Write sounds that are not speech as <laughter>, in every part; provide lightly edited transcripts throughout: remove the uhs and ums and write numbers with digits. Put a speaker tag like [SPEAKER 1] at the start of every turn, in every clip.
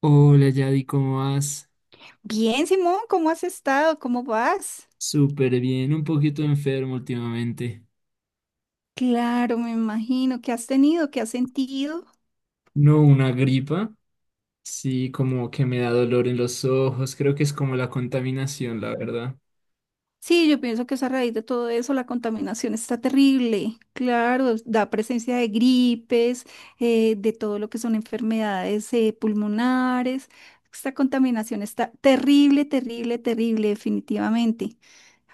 [SPEAKER 1] Hola Yadi, ¿cómo vas?
[SPEAKER 2] Bien, Simón, ¿cómo has estado? ¿Cómo vas?
[SPEAKER 1] Súper bien, un poquito enfermo últimamente.
[SPEAKER 2] Claro, me imagino. ¿Qué has tenido? ¿Qué has sentido?
[SPEAKER 1] No, una gripa, sí, como que me da dolor en los ojos, creo que es como la contaminación, la verdad.
[SPEAKER 2] Sí, yo pienso que es a raíz de todo eso la contaminación está terrible. Claro, da presencia de gripes, de todo lo que son enfermedades pulmonares. Esta contaminación está terrible, terrible, terrible, definitivamente.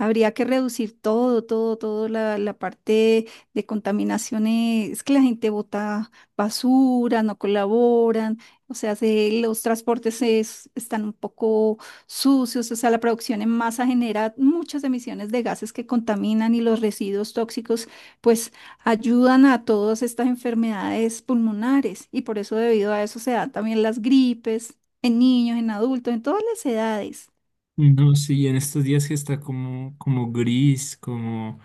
[SPEAKER 2] Habría que reducir todo, todo, todo la parte de contaminación. Es que la gente bota basura, no colaboran, o sea, los transportes están un poco sucios. O sea, la producción en masa genera muchas emisiones de gases que contaminan, y los residuos tóxicos pues ayudan a todas estas enfermedades pulmonares, y por eso, debido a eso, se dan también las gripes en niños, en adultos, en todas las edades.
[SPEAKER 1] No, sí, en estos días que está como, como gris, como,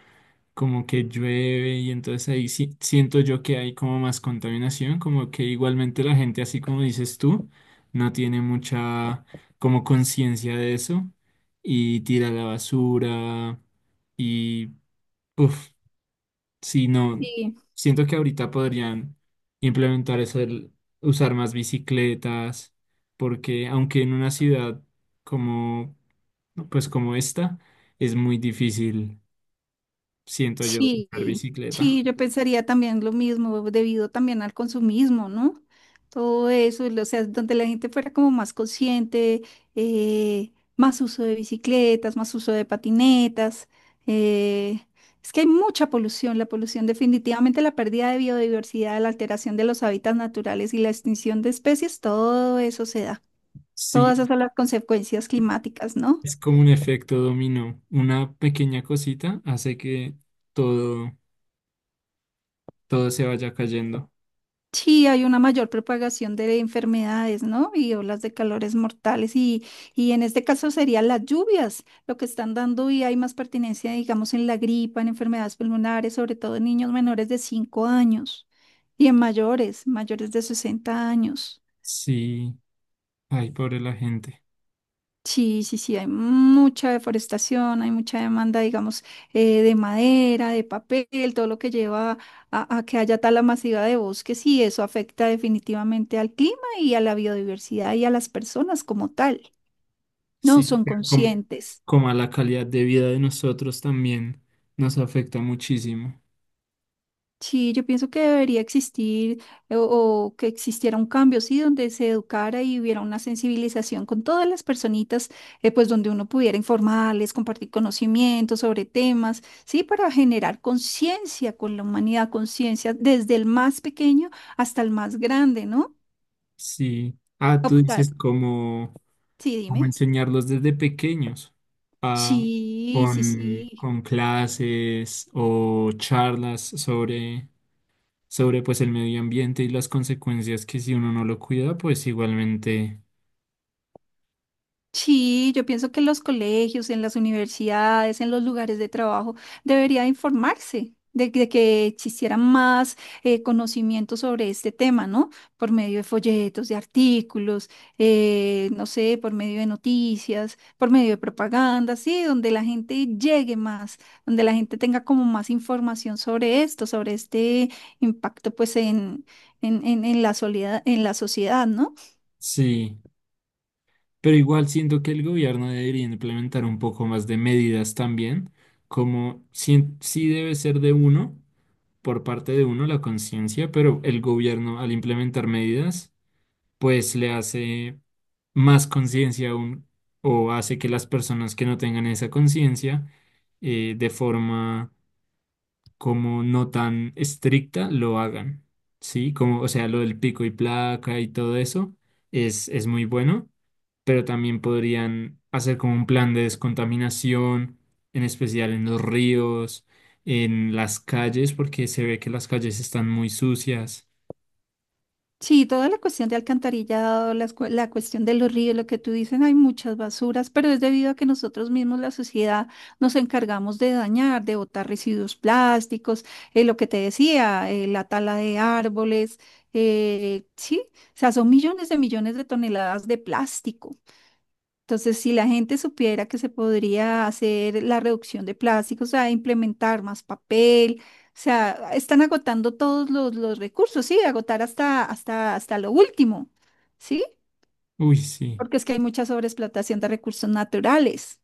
[SPEAKER 1] como que llueve y entonces ahí sí, siento yo que hay como más contaminación, como que igualmente la gente, así como dices tú, no tiene mucha como conciencia de eso y tira la basura y... Uf. Sí, no,
[SPEAKER 2] Sí.
[SPEAKER 1] siento que ahorita podrían implementar eso, el usar más bicicletas, porque aunque en una ciudad como, pues como esta, es muy difícil, siento yo, usar
[SPEAKER 2] Sí,
[SPEAKER 1] bicicleta.
[SPEAKER 2] sí, yo pensaría también lo mismo, debido también al consumismo, ¿no? Todo eso, o sea, donde la gente fuera como más consciente, más uso de bicicletas, más uso de patinetas. eh, es que hay mucha polución, la polución definitivamente, la pérdida de biodiversidad, la alteración de los hábitats naturales y la extinción de especies, todo eso se da, todas
[SPEAKER 1] Sí,
[SPEAKER 2] esas son las consecuencias climáticas, ¿no?
[SPEAKER 1] es como un efecto dominó. Una pequeña cosita hace que todo, todo se vaya cayendo.
[SPEAKER 2] Sí, hay una mayor propagación de enfermedades, ¿no? Y olas de calores mortales, y en este caso serían las lluvias lo que están dando, y hay más pertinencia, digamos, en la gripa, en enfermedades pulmonares, sobre todo en niños menores de 5 años y en mayores, mayores de 60 años.
[SPEAKER 1] Sí, ay, pobre la gente.
[SPEAKER 2] Sí, sí, sí, hay mucha deforestación, hay mucha demanda, digamos, de madera, de papel, todo lo que lleva a que haya tala masiva de bosques, y eso afecta definitivamente al clima y a la biodiversidad y a las personas como tal. No
[SPEAKER 1] Sí,
[SPEAKER 2] son
[SPEAKER 1] como,
[SPEAKER 2] conscientes.
[SPEAKER 1] como a la calidad de vida de nosotros también nos afecta muchísimo.
[SPEAKER 2] Sí, yo pienso que debería existir, o, que existiera un cambio, sí, donde se educara y hubiera una sensibilización con todas las personitas, pues donde uno pudiera informarles, compartir conocimientos sobre temas, sí, para generar conciencia con la humanidad, conciencia desde el más pequeño hasta el más grande, ¿no?
[SPEAKER 1] Sí. Ah, tú
[SPEAKER 2] Optar.
[SPEAKER 1] dices como,
[SPEAKER 2] Sí,
[SPEAKER 1] como
[SPEAKER 2] dime.
[SPEAKER 1] enseñarlos desde pequeños, ah,
[SPEAKER 2] Sí, sí,
[SPEAKER 1] con,
[SPEAKER 2] sí.
[SPEAKER 1] con clases o charlas sobre, sobre pues el medio ambiente y las consecuencias que si uno no lo cuida, pues igualmente
[SPEAKER 2] Sí, yo pienso que en los colegios, en las universidades, en los lugares de trabajo, debería informarse de que existiera más conocimiento sobre este tema, ¿no? Por medio de folletos, de artículos, no sé, por medio de noticias, por medio de propaganda, sí, donde la gente llegue más, donde la gente tenga como más información sobre esto, sobre este impacto, pues, en la en la sociedad, ¿no?
[SPEAKER 1] sí. Pero igual siento que el gobierno debería implementar un poco más de medidas también, como sí, sí debe ser de uno, por parte de uno la conciencia, pero el gobierno al implementar medidas, pues le hace más conciencia aún o hace que las personas que no tengan esa conciencia de forma como no tan estricta lo hagan, ¿sí? Como, o sea, lo del pico y placa y todo eso es muy bueno, pero también podrían hacer como un plan de descontaminación, en especial en los ríos, en las calles, porque se ve que las calles están muy sucias.
[SPEAKER 2] Sí, toda la cuestión de alcantarillado, la cuestión de los ríos, lo que tú dices, hay muchas basuras, pero es debido a que nosotros mismos, la sociedad, nos encargamos de dañar, de botar residuos plásticos, lo que te decía, la tala de árboles, sí, o sea, son millones de toneladas de plástico. Entonces, si la gente supiera que se podría hacer la reducción de plásticos, o sea, implementar más papel, o sea, están agotando todos los recursos, sí, agotar hasta, hasta, hasta lo último, ¿sí?
[SPEAKER 1] Uy, sí.
[SPEAKER 2] Porque es que hay mucha sobreexplotación de recursos naturales.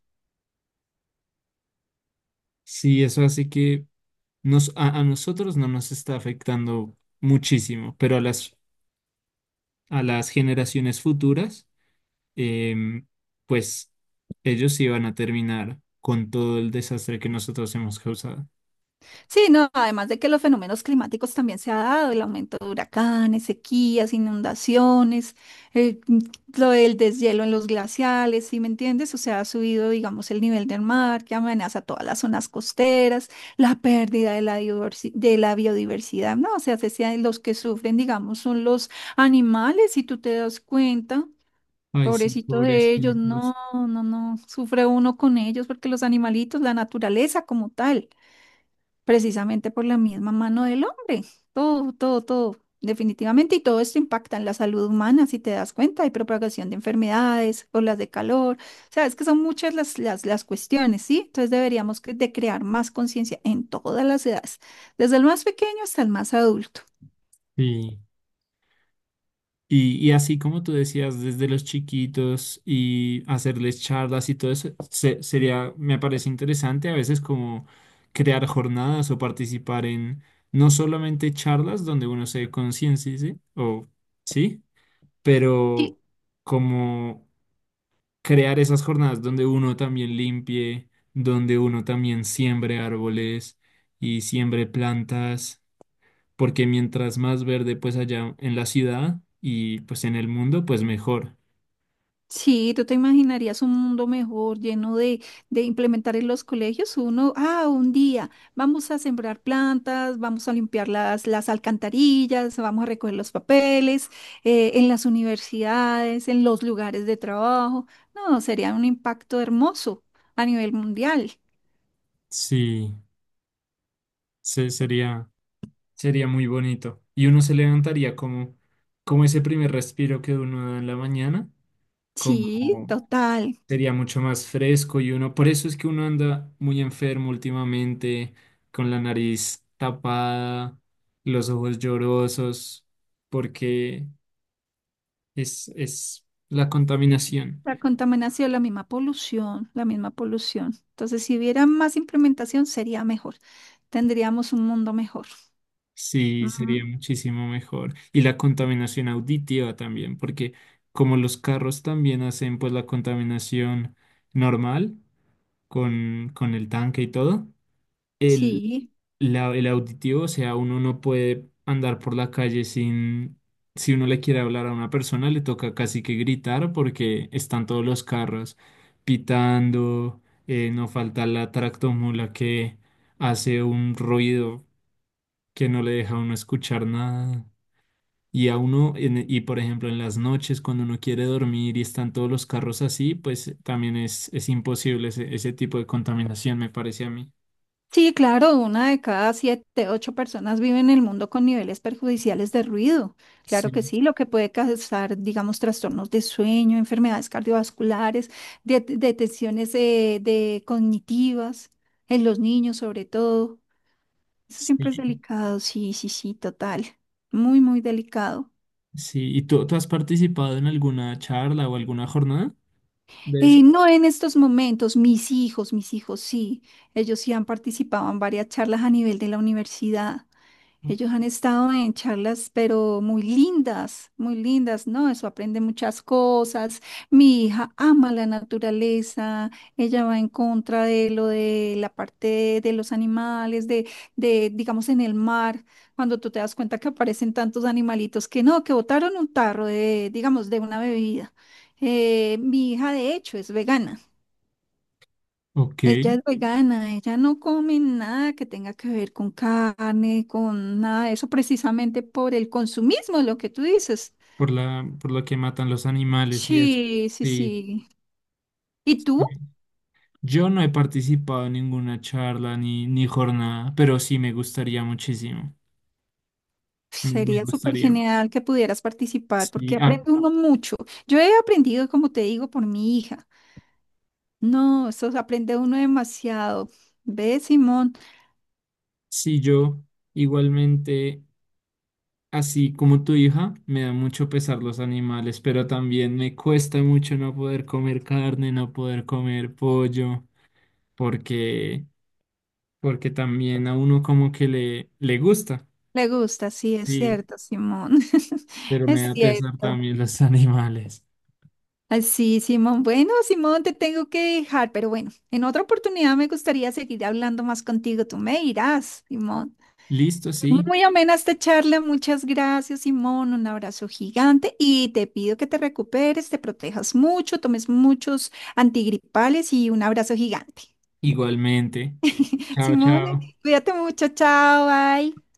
[SPEAKER 1] Sí, eso hace que nos, a nosotros no nos está afectando muchísimo, pero a las generaciones futuras em, pues ellos iban a terminar con todo el desastre que nosotros hemos causado.
[SPEAKER 2] Sí, no, además de que los fenómenos climáticos también se ha dado, el aumento de huracanes, sequías, inundaciones, eh, lo del deshielo en los glaciales, ¿sí me entiendes? O sea, ha subido, digamos, el nivel del mar que amenaza todas las zonas costeras, la pérdida de la biodiversidad, ¿no? O sea, los que sufren, digamos, son los animales, si tú te das cuenta.
[SPEAKER 1] Ay, sí,
[SPEAKER 2] Pobrecito de ellos,
[SPEAKER 1] pobrecitos.
[SPEAKER 2] no, no, no, sufre uno con ellos porque los animalitos, la naturaleza como tal, precisamente por la misma mano del hombre. Todo, todo, todo, definitivamente. Y todo esto impacta en la salud humana, si te das cuenta. Hay propagación de enfermedades, olas de calor. O sea, es que son muchas las cuestiones, ¿sí? Entonces deberíamos que- de crear más conciencia en todas las edades, desde el más pequeño hasta el más adulto.
[SPEAKER 1] Sí. Y así como tú decías, desde los chiquitos y hacerles charlas y todo eso, se- sería, me parece interesante a veces como crear jornadas o participar en no solamente charlas donde uno se conciencia, ¿sí? O sí,
[SPEAKER 2] Sí,
[SPEAKER 1] pero como crear esas jornadas donde uno también limpie, donde uno también siembre árboles y siembre plantas, porque mientras más verde pues allá en la ciudad y pues en el mundo, pues mejor.
[SPEAKER 2] sí, tú te imaginarías un mundo mejor, lleno de implementar en los colegios uno, ah, un día vamos a sembrar plantas, vamos a limpiar las alcantarillas, vamos a recoger los papeles, en las universidades, en los lugares de trabajo. No, sería un impacto hermoso a nivel mundial.
[SPEAKER 1] Sí, se- sería, sería muy bonito. Y uno se levantaría como, como ese primer respiro que uno da en la mañana,
[SPEAKER 2] Sí,
[SPEAKER 1] como
[SPEAKER 2] total.
[SPEAKER 1] sería mucho más fresco y uno, por eso es que uno anda muy enfermo últimamente, con la nariz tapada, los ojos llorosos, porque es la contaminación.
[SPEAKER 2] La contaminación, la misma polución, la misma polución. Entonces, si hubiera más implementación, sería mejor. Tendríamos un mundo mejor.
[SPEAKER 1] Sí, sería
[SPEAKER 2] Mm.
[SPEAKER 1] muchísimo mejor. Y la contaminación auditiva también, porque como los carros también hacen pues la contaminación normal con el tanque y todo.
[SPEAKER 2] Sí,
[SPEAKER 1] La- el auditivo, o sea, uno no puede andar por la calle sin, si uno le quiere hablar a una persona, le toca casi que gritar porque están todos los carros pitando, no falta la tractomula que hace un ruido que no le deja a uno escuchar nada. Y a uno, en- y por ejemplo, en las noches, cuando uno quiere dormir y están todos los carros así, pues también es imposible ese tipo de contaminación, me parece a mí.
[SPEAKER 2] sí, claro, una de cada siete, ocho personas vive en el mundo con niveles perjudiciales de ruido. Claro que
[SPEAKER 1] Sí,
[SPEAKER 2] sí, lo que puede causar, digamos, trastornos de sueño, enfermedades cardiovasculares, detenciones de cognitivas en los niños sobre todo. Eso siempre es
[SPEAKER 1] sí.
[SPEAKER 2] delicado, sí, sí, sí, total. Muy, muy delicado.
[SPEAKER 1] Sí, ¿y tú has participado en alguna charla o alguna jornada de eso?
[SPEAKER 2] No en estos momentos, mis hijos sí, ellos sí han participado en varias charlas a nivel de la universidad. Ellos han estado en charlas, pero muy lindas, ¿no? Eso aprende muchas cosas. Mi hija ama la naturaleza, ella va en contra de lo de la parte de los animales, de, digamos, en el mar, cuando tú te das cuenta que aparecen tantos animalitos que no, que botaron un tarro de, digamos, de una bebida. Mi hija, de hecho, es vegana.
[SPEAKER 1] Ok,
[SPEAKER 2] Ella es vegana, ella no come nada que tenga que ver con carne, con nada de eso, precisamente por el consumismo, lo que tú dices.
[SPEAKER 1] por la, por lo que matan los animales y eso.
[SPEAKER 2] Sí, sí,
[SPEAKER 1] Sí,
[SPEAKER 2] sí. ¿Y
[SPEAKER 1] sí.
[SPEAKER 2] tú?
[SPEAKER 1] Yo no he participado en ninguna charla ni jornada, pero sí me gustaría muchísimo. Me
[SPEAKER 2] Sería súper
[SPEAKER 1] gustaría.
[SPEAKER 2] genial que pudieras participar
[SPEAKER 1] Sí,
[SPEAKER 2] porque
[SPEAKER 1] ah,
[SPEAKER 2] aprende uno mucho. Yo he aprendido, como te digo, por mi hija. No, eso se aprende uno demasiado. ¿Ve, Simón?
[SPEAKER 1] sí, yo igualmente, así como tu hija, me da mucho pesar los animales, pero también me cuesta mucho no poder comer carne, no poder comer pollo, porque porque también a uno como que le gusta.
[SPEAKER 2] Le gusta, sí, es
[SPEAKER 1] Sí,
[SPEAKER 2] cierto, Simón. <laughs>
[SPEAKER 1] pero me
[SPEAKER 2] Es
[SPEAKER 1] da pesar
[SPEAKER 2] cierto.
[SPEAKER 1] también los <laughs> animales.
[SPEAKER 2] Ay, sí, Simón. Bueno, Simón, te tengo que dejar, pero bueno, en otra oportunidad me gustaría seguir hablando más contigo. Tú me irás, Simón.
[SPEAKER 1] Listo, sí,
[SPEAKER 2] Muy amena esta charla. Muchas gracias, Simón. Un abrazo gigante y te pido que te recuperes, te protejas mucho, tomes muchos antigripales y un abrazo gigante.
[SPEAKER 1] igualmente. Chao,
[SPEAKER 2] Simón,
[SPEAKER 1] chao.
[SPEAKER 2] cuídate mucho. Chao, bye.